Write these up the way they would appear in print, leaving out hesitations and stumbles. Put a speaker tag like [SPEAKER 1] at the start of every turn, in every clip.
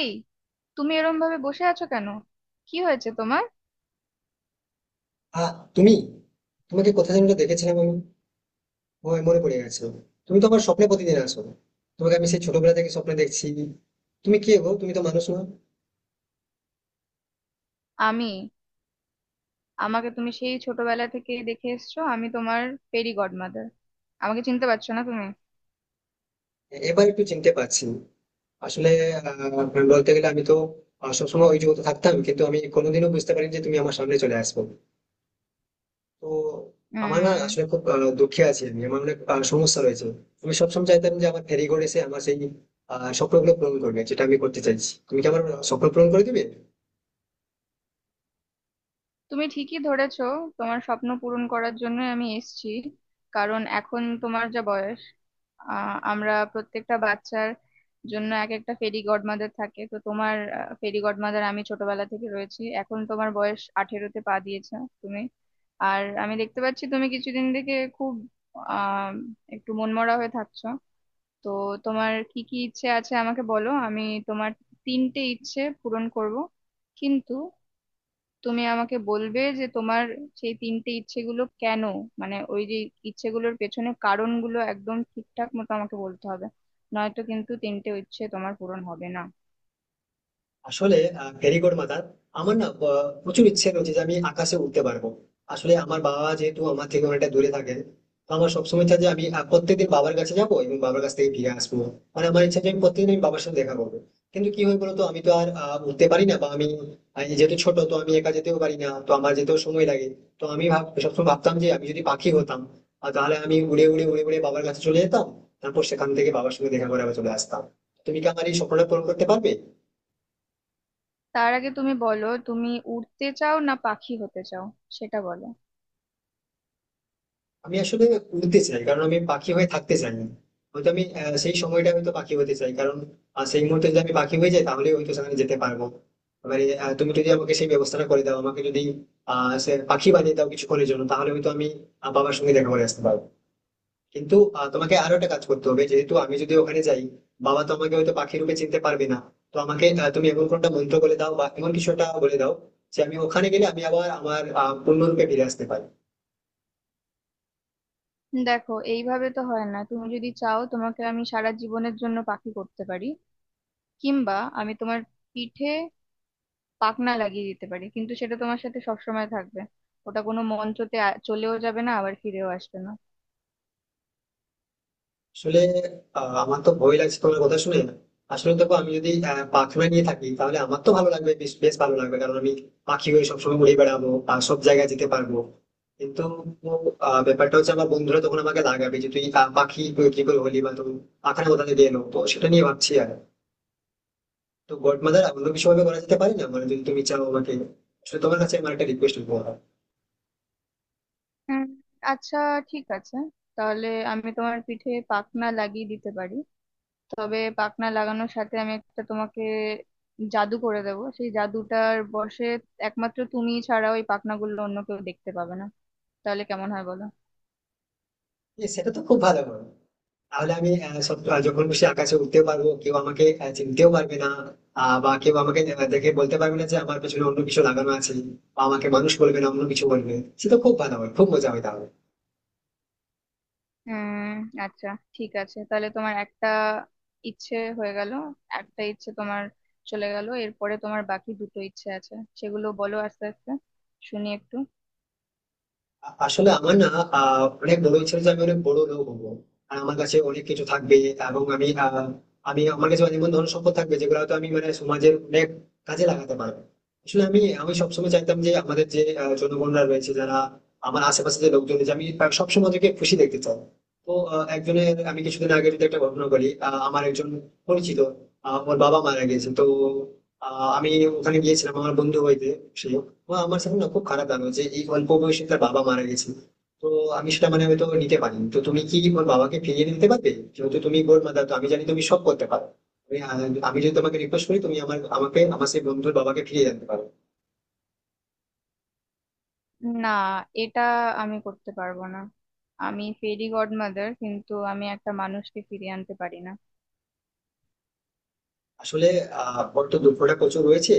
[SPEAKER 1] এই, তুমি এরম ভাবে বসে আছো কেন? কি হয়েছে তোমার?
[SPEAKER 2] আ তুমি? তোমাকে কোথায় যেন একটা দেখেছিলাম আমি। ও মনে পড়ে গেছে। তুমি তো আমার স্বপ্নে প্রতিদিন আসো। তোমাকে আমি সেই ছোটবেলা থেকে স্বপ্নে দেখছি। তুমি কে গো? তুমি তো মানুষ নও।
[SPEAKER 1] আমি আমাকে তুমি সেই ছোটবেলা থেকে দেখে এসছো। আমি তোমার ফেরি গডমাদার। আমাকে চিনতে পারছো না তুমি?
[SPEAKER 2] এবার একটু চিনতে পারছি। আসলে আ বলতে গেলে আমি তো সবসময় ওই জগতে থাকতাম। কিন্তু আমি কোনোদিনও বুঝতে পারিনি যে তুমি আমার সামনে চলে আসবে। তো আমার না
[SPEAKER 1] উম
[SPEAKER 2] আসলে খুব দুঃখে আছি আমি। আমার অনেক সমস্যা রয়েছে। আমি সবসময় চাইতাম যে আমার ফেরি করে এসে আমার সেই স্বপ্নগুলো পূরণ করবে। যেটা আমি করতে চাইছি। তুমি কি আমার স্বপ্ন পূরণ করে দিবে?
[SPEAKER 1] তুমি ঠিকই ধরেছো। তোমার স্বপ্ন পূরণ করার জন্য আমি এসেছি। কারণ এখন তোমার যা বয়স, আমরা প্রত্যেকটা বাচ্চার জন্য এক একটা ফেরি গডমাদার থাকে। তো তোমার ফেরি গডমাদার আমি ছোটবেলা থেকে রয়েছি। এখন তোমার বয়স 18-তে পা দিয়েছে। তুমি, আর আমি দেখতে পাচ্ছি তুমি কিছুদিন থেকে খুব আহ একটু মনমরা হয়ে থাকছো। তো তোমার কি কি ইচ্ছে আছে আমাকে বলো। আমি তোমার তিনটে ইচ্ছে পূরণ করব। কিন্তু তুমি আমাকে বলবে যে তোমার সেই তিনটে ইচ্ছেগুলো কেন, মানে ওই যে ইচ্ছেগুলোর পেছনে কারণগুলো, একদম ঠিকঠাক মতো আমাকে বলতে হবে। নয়তো কিন্তু তিনটে ইচ্ছে তোমার পূরণ হবে না।
[SPEAKER 2] আসলে, ভেরি গুড মাদার, আমার না প্রচুর ইচ্ছে রয়েছে যে আমি আকাশে উঠতে পারবো। আসলে আমার বাবা যেহেতু আমার থেকে অনেকটা দূরে থাকে, তো আমার সবসময় ইচ্ছা যে আমি প্রত্যেকদিন বাবার কাছে যাবো এবং বাবার কাছ থেকে ফিরে আসবো। মানে আমার ইচ্ছা যে আমি প্রত্যেকদিন আমি বাবার সাথে দেখা করবো। কিন্তু কি হয় বলতো, আমি তো আর উঠতে পারি না বা আমি যেহেতু ছোট তো আমি একা যেতেও পারি না, তো আমার যেতেও সময় লাগে। তো আমি সবসময় ভাবতাম যে আমি যদি পাখি হতাম, তাহলে আমি উড়ে উড়ে উড়ে উড়ে বাবার কাছে চলে যেতাম। তারপর সেখান থেকে বাবার সঙ্গে দেখা করে আবার চলে আসতাম। তুমি কি আমার এই স্বপ্নটা পূরণ করতে পারবে?
[SPEAKER 1] তার আগে তুমি বলো, তুমি উড়তে চাও না পাখি হতে চাও, সেটা বলো।
[SPEAKER 2] আমি আসলে উড়তে চাই, কারণ আমি পাখি হয়ে থাকতে চাই না। হয়তো আমি সেই সময়টা হয়তো পাখি হতে চাই, কারণ সেই মুহূর্তে যদি আমি পাখি হয়ে যাই, তাহলে হয়তো সেখানে যেতে পারবো। এবারে তুমি যদি আমাকে সেই ব্যবস্থাটা করে দাও, আমাকে যদি সে পাখি বানিয়ে দাও কিছুক্ষণের জন্য, তাহলে হয়তো আমি বাবার সঙ্গে দেখা করে আসতে পারবো। কিন্তু তোমাকে আরো একটা কাজ করতে হবে, যেহেতু আমি যদি ওখানে যাই, বাবা তো আমাকে হয়তো পাখি রূপে চিনতে পারবে না। তো আমাকে তুমি এমন কোনটা মন্ত্র বলে দাও বা এমন কিছু একটা বলে দাও, যে আমি ওখানে গেলে আমি আবার আমার পূর্ণরূপে ফিরে আসতে পারি।
[SPEAKER 1] দেখো এইভাবে তো হয় না। তুমি যদি চাও তোমাকে আমি সারা জীবনের জন্য পাখি করতে পারি, কিংবা আমি তোমার পিঠে পাখনা লাগিয়ে দিতে পারি, কিন্তু সেটা তোমার সাথে সবসময় থাকবে। ওটা কোনো মঞ্চতে চলেও যাবে না, আবার ফিরেও আসবে না।
[SPEAKER 2] আসলে আমার তো ভয় লাগছে তোমার কথা শুনে। আসলে দেখো, আমি যদি পাখনা নিয়ে থাকি, তাহলে আমার তো ভালো লাগবে, বেশ বেশ ভালো লাগবে, কারণ আমি পাখি হয়ে সবসময় উড়ে বেড়াবো আর সব জায়গায় যেতে পারবো। কিন্তু ব্যাপারটা হচ্ছে আমার বন্ধুরা তখন আমাকে লাগাবে যে তুই পাখি তুই কি করে হলি, বা তুমি পাখানা কোথা থেকে এলো, তো সেটা নিয়ে ভাবছি। আর তো গড মাদার, অন্য কিছু ভাবে করা যেতে পারে না মানে, যদি তুমি চাও আমাকে। আসলে তোমার কাছে আমার একটা রিকোয়েস্ট করবো। হ্যাঁ।
[SPEAKER 1] হুম, আচ্ছা, ঠিক আছে। তাহলে আমি তোমার পিঠে পাখনা লাগিয়ে দিতে পারি। তবে পাখনা লাগানোর সাথে আমি একটা তোমাকে জাদু করে দেবো। সেই জাদুটার বশে একমাত্র তুমি ছাড়া ওই পাখনাগুলো অন্য কেউ দেখতে পাবে না। তাহলে কেমন হয় বলো?
[SPEAKER 2] সেটা তো খুব ভালো হয়। তাহলে আমি যখন খুশি আকাশে উঠতে পারবো, কেউ আমাকে চিনতেও পারবে না। বা কেউ আমাকে দেখে বলতে পারবে না যে আমার পেছনে অন্য কিছু লাগানো আছে, বা আমাকে মানুষ বলবে না, অন্য কিছু বলবে। সেটা খুব ভালো হয়, খুব মজা হয় তাহলে।
[SPEAKER 1] হুম, আচ্ছা, ঠিক আছে। তাহলে তোমার একটা ইচ্ছে হয়ে গেল। একটা ইচ্ছে তোমার চলে গেল। এরপরে তোমার বাকি দুটো ইচ্ছে আছে, সেগুলো বলো আস্তে আস্তে, শুনি একটু।
[SPEAKER 2] আসলে আমার না অনেক বড় ইচ্ছে যে আমি অনেক বড় লোক হবো। আর আমার কাছে অনেক কিছু থাকবে। এবং আমি আমার কাছে এমন ধরনের সম্পদ থাকবে যেগুলো হয়তো আমি মানে সমাজের অনেক কাজে লাগাতে পারবো। আসলে আমি আমি সবসময় চাইতাম যে আমাদের যে জনগণরা রয়েছে, যারা আমার আশেপাশে যে লোকজন রয়েছে, আমি সবসময় ওদেরকে খুশি দেখতে চাই। তো একজনের, আমি কিছুদিন আগে যদি একটা ঘটনা বলি, আমার একজন পরিচিত, ওর বাবা মারা গিয়েছে, তো আমি ওখানে গিয়েছিলাম আমার বন্ধু হইতে। সে, ও আমার সাথে না, খুব খারাপ লাগলো যে এই অল্প বয়সে তার বাবা মারা গেছে। তো আমি সেটা মানে হয়তো নিতে পারিনি, তো তুমি কি ওর বাবাকে ফিরিয়ে দিতে পারবে? যেহেতু তুমি গোর মাদার, তো আমি জানি তুমি সব করতে পারো। তুমি, আহ, আমি যদি তোমাকে রিকোয়েস্ট করি, তুমি আমার আমাকে আমার সেই বন্ধুর বাবাকে ফিরিয়ে আনতে পারো?
[SPEAKER 1] না, এটা আমি করতে পারবো না। আমি ফেরি গডমাদার, কিন্তু আমি একটা মানুষকে ফিরিয়ে আনতে পারি না।
[SPEAKER 2] আসলে ওর তো দুঃখটা প্রচুর রয়েছে।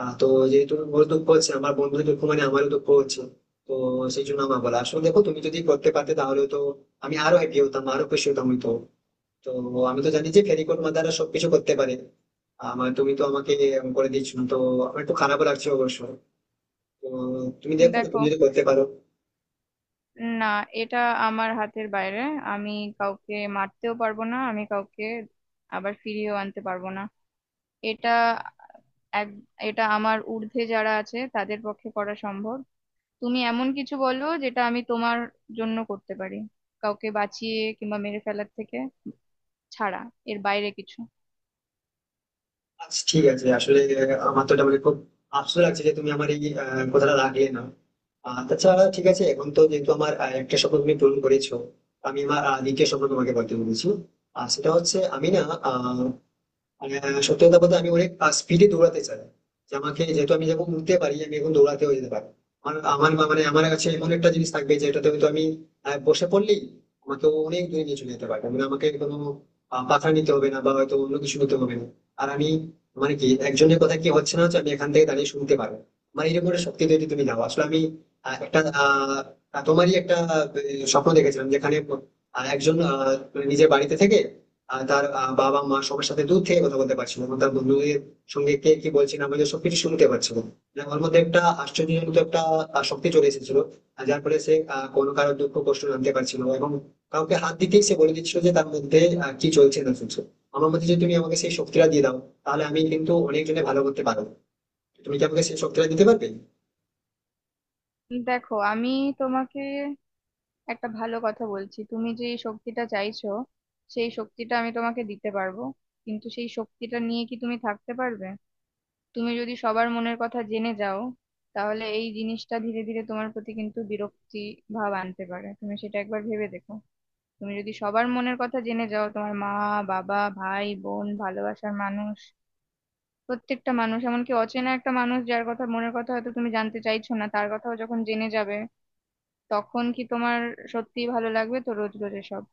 [SPEAKER 2] তো যেহেতু ওর দুঃখ হচ্ছে, আমার বন্ধুর দুঃখ মানে আমারও দুঃখ হচ্ছে। তো সেই জন্য আমার বলা। আসলে দেখো, তুমি যদি করতে পারতে তাহলে তো আমি আরো হ্যাপি হতাম, আরো খুশি হতাম হয়তো। তো আমি তো জানি যে ফেরিকট মাদাররা সবকিছু করতে পারে। আমার তুমি তো আমাকে এরকম করে দিচ্ছ, তো আমার একটু খারাপও লাগছে অবশ্য। তো তুমি দেখো,
[SPEAKER 1] দেখো,
[SPEAKER 2] তুমি যদি করতে পারো।
[SPEAKER 1] না, এটা আমার হাতের বাইরে। আমি কাউকে মারতেও পারবো না, আমি কাউকে আবার ফিরিয়েও আনতে পারবো না। এটা এক এটা আমার ঊর্ধ্বে, যারা আছে তাদের পক্ষে করা সম্ভব। তুমি এমন কিছু বলো যেটা আমি তোমার জন্য করতে পারি, কাউকে বাঁচিয়ে কিংবা মেরে ফেলার থেকে ছাড়া, এর বাইরে কিছু।
[SPEAKER 2] আচ্ছা, ঠিক আছে। আসলে আমার তো এটা মানে খুব আফসোস লাগছে যে তুমি আমার এই কথাটা রাখলে না। আর তাছাড়া ঠিক আছে, এখন তো যেহেতু আমার একটা স্বপ্ন তুমি পূরণ করেছো, আমি আমার দ্বিতীয় স্বপ্ন তোমাকে বলতে বলেছি। আর সেটা হচ্ছে, আমি না আহ আহ, সত্যি কথা বলতে আমি অনেক স্পিডে দৌড়াতে চাই। যে আমাকে যেহেতু আমি যখন উঠতে পারি, আমি এখন দৌড়াতেও যেতে পারি। আমার আমার মা- মানে আমার কাছে এমন একটা জিনিস থাকবে যেটাতে হয়তো আমি বসে পড়লেই আমাকে অনেক দূরে নিয়ে চলে যেতে পারবে, মানে আমাকে কোনো পাথর নিতে হবে না বা হয়তো অন্য কিছু নিতে হবে না। আর আমি মানে, কি একজনের কথা কি হচ্ছে না হচ্ছে, আমি এখান থেকে দাঁড়িয়ে শুনতে পারবো। মানে এরকম একটা শক্তি যদি তুমি দাও। আসলে আমি একটা তোমারই একটা স্বপ্ন দেখেছিলাম, যেখানে একজন মানে নিজের বাড়িতে থেকে তার বাবা মা সবার সাথে দূর থেকে কথা বলতে পারছিল এবং তার বন্ধুদের সঙ্গে কে কি বলছে না বলছে সবকিছু শুনতে পারছিল। মানে ওর মধ্যে একটা আশ্চর্যজনক একটা শক্তি চলে এসেছিল। আর যার ফলে সে কোনো কারোর দুঃখ কষ্ট জানতে পারছিল না, এবং কাউকে হাত দিতেই সে বলে দিচ্ছিল যে তার মধ্যে কি চলছে না চলছে। আমার মধ্যে যদি তুমি আমাকে সেই শক্তিটা দিয়ে দাও, তাহলে আমি কিন্তু অনেকজনে ভালো করতে পারবো। তুমি কি আমাকে সেই শক্তিটা দিতে পারবে?
[SPEAKER 1] দেখো আমি তোমাকে একটা ভালো কথা বলছি, তুমি যে এই শক্তিটা চাইছো, সেই শক্তিটা আমি তোমাকে দিতে পারবো। কিন্তু সেই শক্তিটা নিয়ে কি তুমি থাকতে পারবে? তুমি যদি সবার মনের কথা জেনে যাও, তাহলে এই জিনিসটা ধীরে ধীরে তোমার প্রতি কিন্তু বিরক্তি ভাব আনতে পারে। তুমি সেটা একবার ভেবে দেখো। তুমি যদি সবার মনের কথা জেনে যাও, তোমার মা, বাবা, ভাই, বোন, ভালোবাসার মানুষ, প্রত্যেকটা মানুষ, এমনকি অচেনা একটা মানুষ যার কথা মনের কথা হয়তো তুমি জানতে চাইছো না, তার কথাও যখন জেনে যাবে, তখন কি তোমার সত্যিই ভালো লাগবে? তো রোজ রোজ এসব।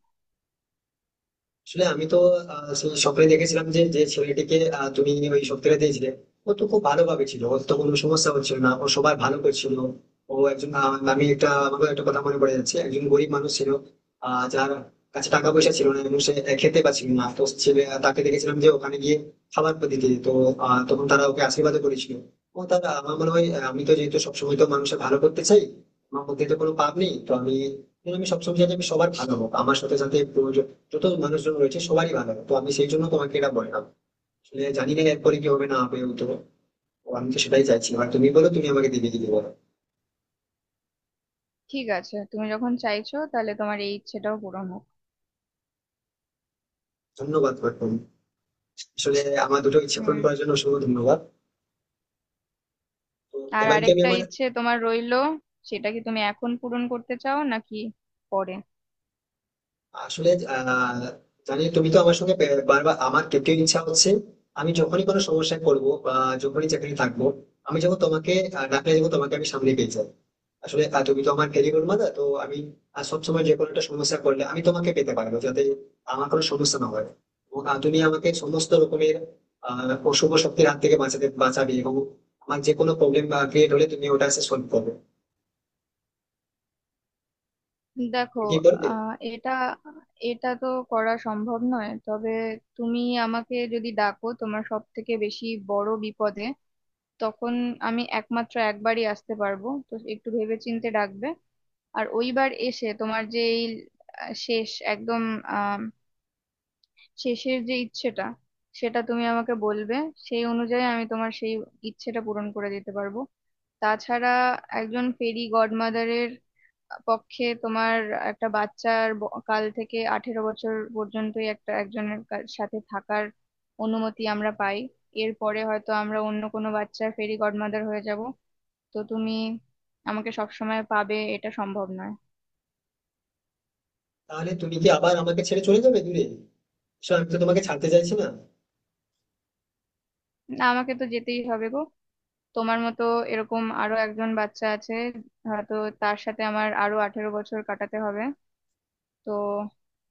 [SPEAKER 2] আসলে আমি তো সেই সকালে দেখেছিলাম যে যে ছেলেটিকে তুমি ওই সপ্তাহে দিয়েছিলে, ও তো খুব ভালোভাবে ছিল, ওর তো কোনো সমস্যা হচ্ছিল না, ও সবার ভালো করছিল। ও একজন আমি একটা আমাকে একটা কথা মনে পড়ে যাচ্ছে, একজন গরিব মানুষ ছিল, যার কাছে টাকা পয়সা ছিল না, এবং সে খেতে পাচ্ছিল না, তো ছেলে তাকে দেখেছিলাম যে ওখানে গিয়ে খাবার দিতে, তো তখন তারা ওকে আশীর্বাদ করেছিল। ও তারা আমার মনে হয়, আমি তো যেহেতু সবসময় তো মানুষের ভালো করতে চাই, আমার মধ্যে তো কোনো পাপ নেই, তো আমি আমি সবসময় চাই যে আমি সবার ভালো হোক, আমার সাথে সাথে প্রয়োজন যত মানুষজন রয়েছে সবারই ভালো, তো আমি সেই জন্য তোমাকে এটা বললাম। আসলে জানি না এরপরে কি হবে না হবে, তো ও আমি তো সেটাই চাইছি। আর তুমি বলো, তুমি আমাকে দিবে দিদি, বলো।
[SPEAKER 1] ঠিক আছে, তুমি যখন চাইছো তাহলে তোমার এই ইচ্ছেটাও পূরণ হোক।
[SPEAKER 2] ধন্যবাদ গৌতম। আসলে আমার দুটো ইচ্ছা পূরণ
[SPEAKER 1] হুম
[SPEAKER 2] করার জন্য অসংখ্য ধন্যবাদ। তো
[SPEAKER 1] আর
[SPEAKER 2] এবার কি আমি
[SPEAKER 1] আরেকটা
[SPEAKER 2] আমার
[SPEAKER 1] ইচ্ছে তোমার রইলো। সেটা কি তুমি এখন পূরণ করতে চাও নাকি পরে?
[SPEAKER 2] আসলে আহ জানি তুমি তো আমার সঙ্গে বারবার আমার কেউ ইচ্ছা হচ্ছে। আমি যখনই কোনো সমস্যায় পড়বো বা যখনই চাকরি থাকবো, আমি যখন তোমাকে ডাকলে যাবো, তোমাকে আমি সামনে পেয়ে যাই। আসলে তুমি তো আমার ফেলিওর মাদার, তো আমি সবসময় যে কোনো একটা সমস্যা করলে আমি তোমাকে পেতে পারবো, যাতে আমার কোনো সমস্যা না হয়। এবং তুমি আমাকে সমস্ত রকমের আহ অশুভ শক্তির হাত থেকে বাঁচাতে বাঁচাবে, এবং আমার যে কোনো প্রবলেম ক্রিয়েট হলে তুমি ওটা এসে সলভ করবে।
[SPEAKER 1] দেখো,
[SPEAKER 2] তুমি কি করবে?
[SPEAKER 1] এটা এটা তো করা সম্ভব নয়। তবে তুমি আমাকে যদি ডাকো তোমার সব থেকে বেশি বড় বিপদে, তখন আমি একমাত্র একবারই আসতে পারবো, তো একটু ভেবেচিন্তে ডাকবে। আর ওইবার এসে তোমার যে এই শেষ, একদম শেষের যে ইচ্ছেটা, সেটা তুমি আমাকে বলবে। সেই অনুযায়ী আমি তোমার সেই ইচ্ছেটা পূরণ করে দিতে পারবো। তাছাড়া একজন ফেরি গডমাদারের পক্ষে তোমার একটা বাচ্চার কাল থেকে 18 বছর পর্যন্তই একটা একজনের সাথে থাকার অনুমতি আমরা পাই। এরপরে হয়তো আমরা অন্য কোনো বাচ্চার ফেরি গডমাদার হয়ে যাব। তো তুমি আমাকে সবসময় পাবে এটা সম্ভব নয়।
[SPEAKER 2] তাহলে তুমি কি আবার আমাকে ছেড়ে চলে যাবে দূরে? আসলে আমি তো তোমাকে ছাড়তে চাইছি না।
[SPEAKER 1] না, আমাকে তো যেতেই হবে গো। তোমার মতো এরকম আরো একজন বাচ্চা আছে হয়তো, তার সাথে আমার আরো 18 বছর কাটাতে হবে। তো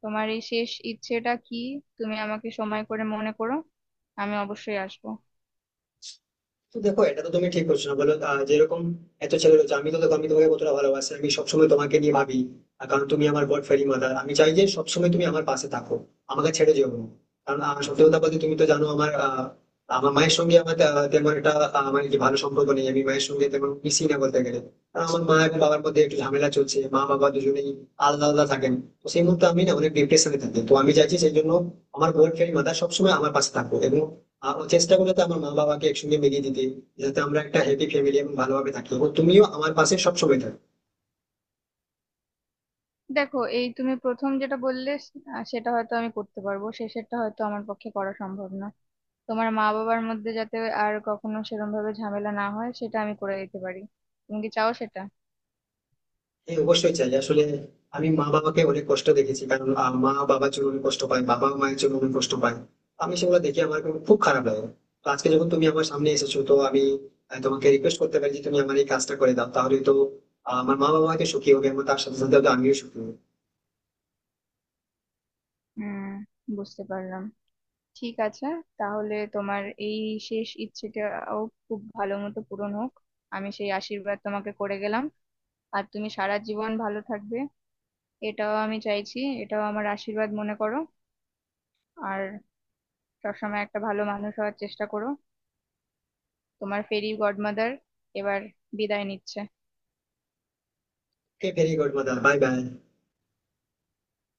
[SPEAKER 1] তোমার এই শেষ ইচ্ছেটা কি? তুমি আমাকে সময় করে মনে করো, আমি অবশ্যই আসবো।
[SPEAKER 2] তো দেখো, এটা তো তুমি ঠিক করছো না বলো। যেরকম এত ছেলে রয়েছে, আমি তো দেখো আমি তোমাকে কতটা ভালোবাসি, আমি সবসময় তোমাকে নিয়ে ভাবি। আর কারণ তুমি আমার গড ফেরি মাদার, আমি চাই যে সবসময় তুমি আমার পাশে থাকো। আমাকে ছেড়ে যেও না। কারণ সত্যি কথা বলতে তুমি তো জানো, আমার মায়ের সঙ্গে আমার তেমন একটা মানে কি ভালো সম্পর্ক নেই, আমি মায়ের সঙ্গে তেমন মিশি না বলতে গেলে। কারণ আমার মা এবং বাবার মধ্যে একটু ঝামেলা চলছে, মা বাবা দুজনেই আলাদা আলাদা থাকেন। তো সেই মুহূর্তে আমি না অনেক ডিপ্রেশনে থাকি, তো আমি চাইছি সেই জন্য আমার গড ফেরি মাদার সবসময় আমার পাশে থাকো, এবং ও চেষ্টা করবে তো আমার মা বাবাকে একসঙ্গে মিলিয়ে দিতে, যাতে আমরা একটা হ্যাপি ফ্যামিলি এবং ভালোভাবে থাকি, এবং তুমিও আমার পাশে সবসময় থাকো।
[SPEAKER 1] দেখো এই, তুমি প্রথম যেটা বললে সেটা হয়তো আমি করতে পারবো, শেষেরটা হয়তো আমার পক্ষে করা সম্ভব না। তোমার মা বাবার মধ্যে যাতে আর কখনো সেরকম ভাবে ঝামেলা না হয়, সেটা আমি করে দিতে পারি। তুমি কি চাও সেটা?
[SPEAKER 2] হ্যাঁ, অবশ্যই চাই। আসলে আমি মা বাবাকে অনেক কষ্ট দেখেছি, কারণ মা বাবার জন্য অনেক কষ্ট পায়, বাবা মায়ের জন্য অনেক কষ্ট পায়। আমি সেগুলো দেখে আমার খুব খুব খারাপ লাগে। তো আজকে যখন তুমি আমার সামনে এসেছো, তো আমি তোমাকে রিকোয়েস্ট করতে পারি যে তুমি আমার এই কাজটা করে দাও, তাহলে তো আমার মা বাবা হয়তো সুখী হবে, এবং তার সাথে সাথে হয়তো আমিও সুখী হবো।
[SPEAKER 1] হুম বুঝতে পারলাম। ঠিক আছে, তাহলে তোমার এই শেষ ইচ্ছেটাও খুব ভালো মতো পূরণ হোক। আমি সেই আশীর্বাদ তোমাকে করে গেলাম। আর তুমি সারা জীবন ভালো থাকবে, এটাও আমি চাইছি, এটাও আমার আশীর্বাদ মনে করো। আর সবসময় একটা ভালো মানুষ হওয়ার চেষ্টা করো। তোমার ফেরি গডমাদার এবার বিদায় নিচ্ছে।
[SPEAKER 2] Okay, very good mother, bye by.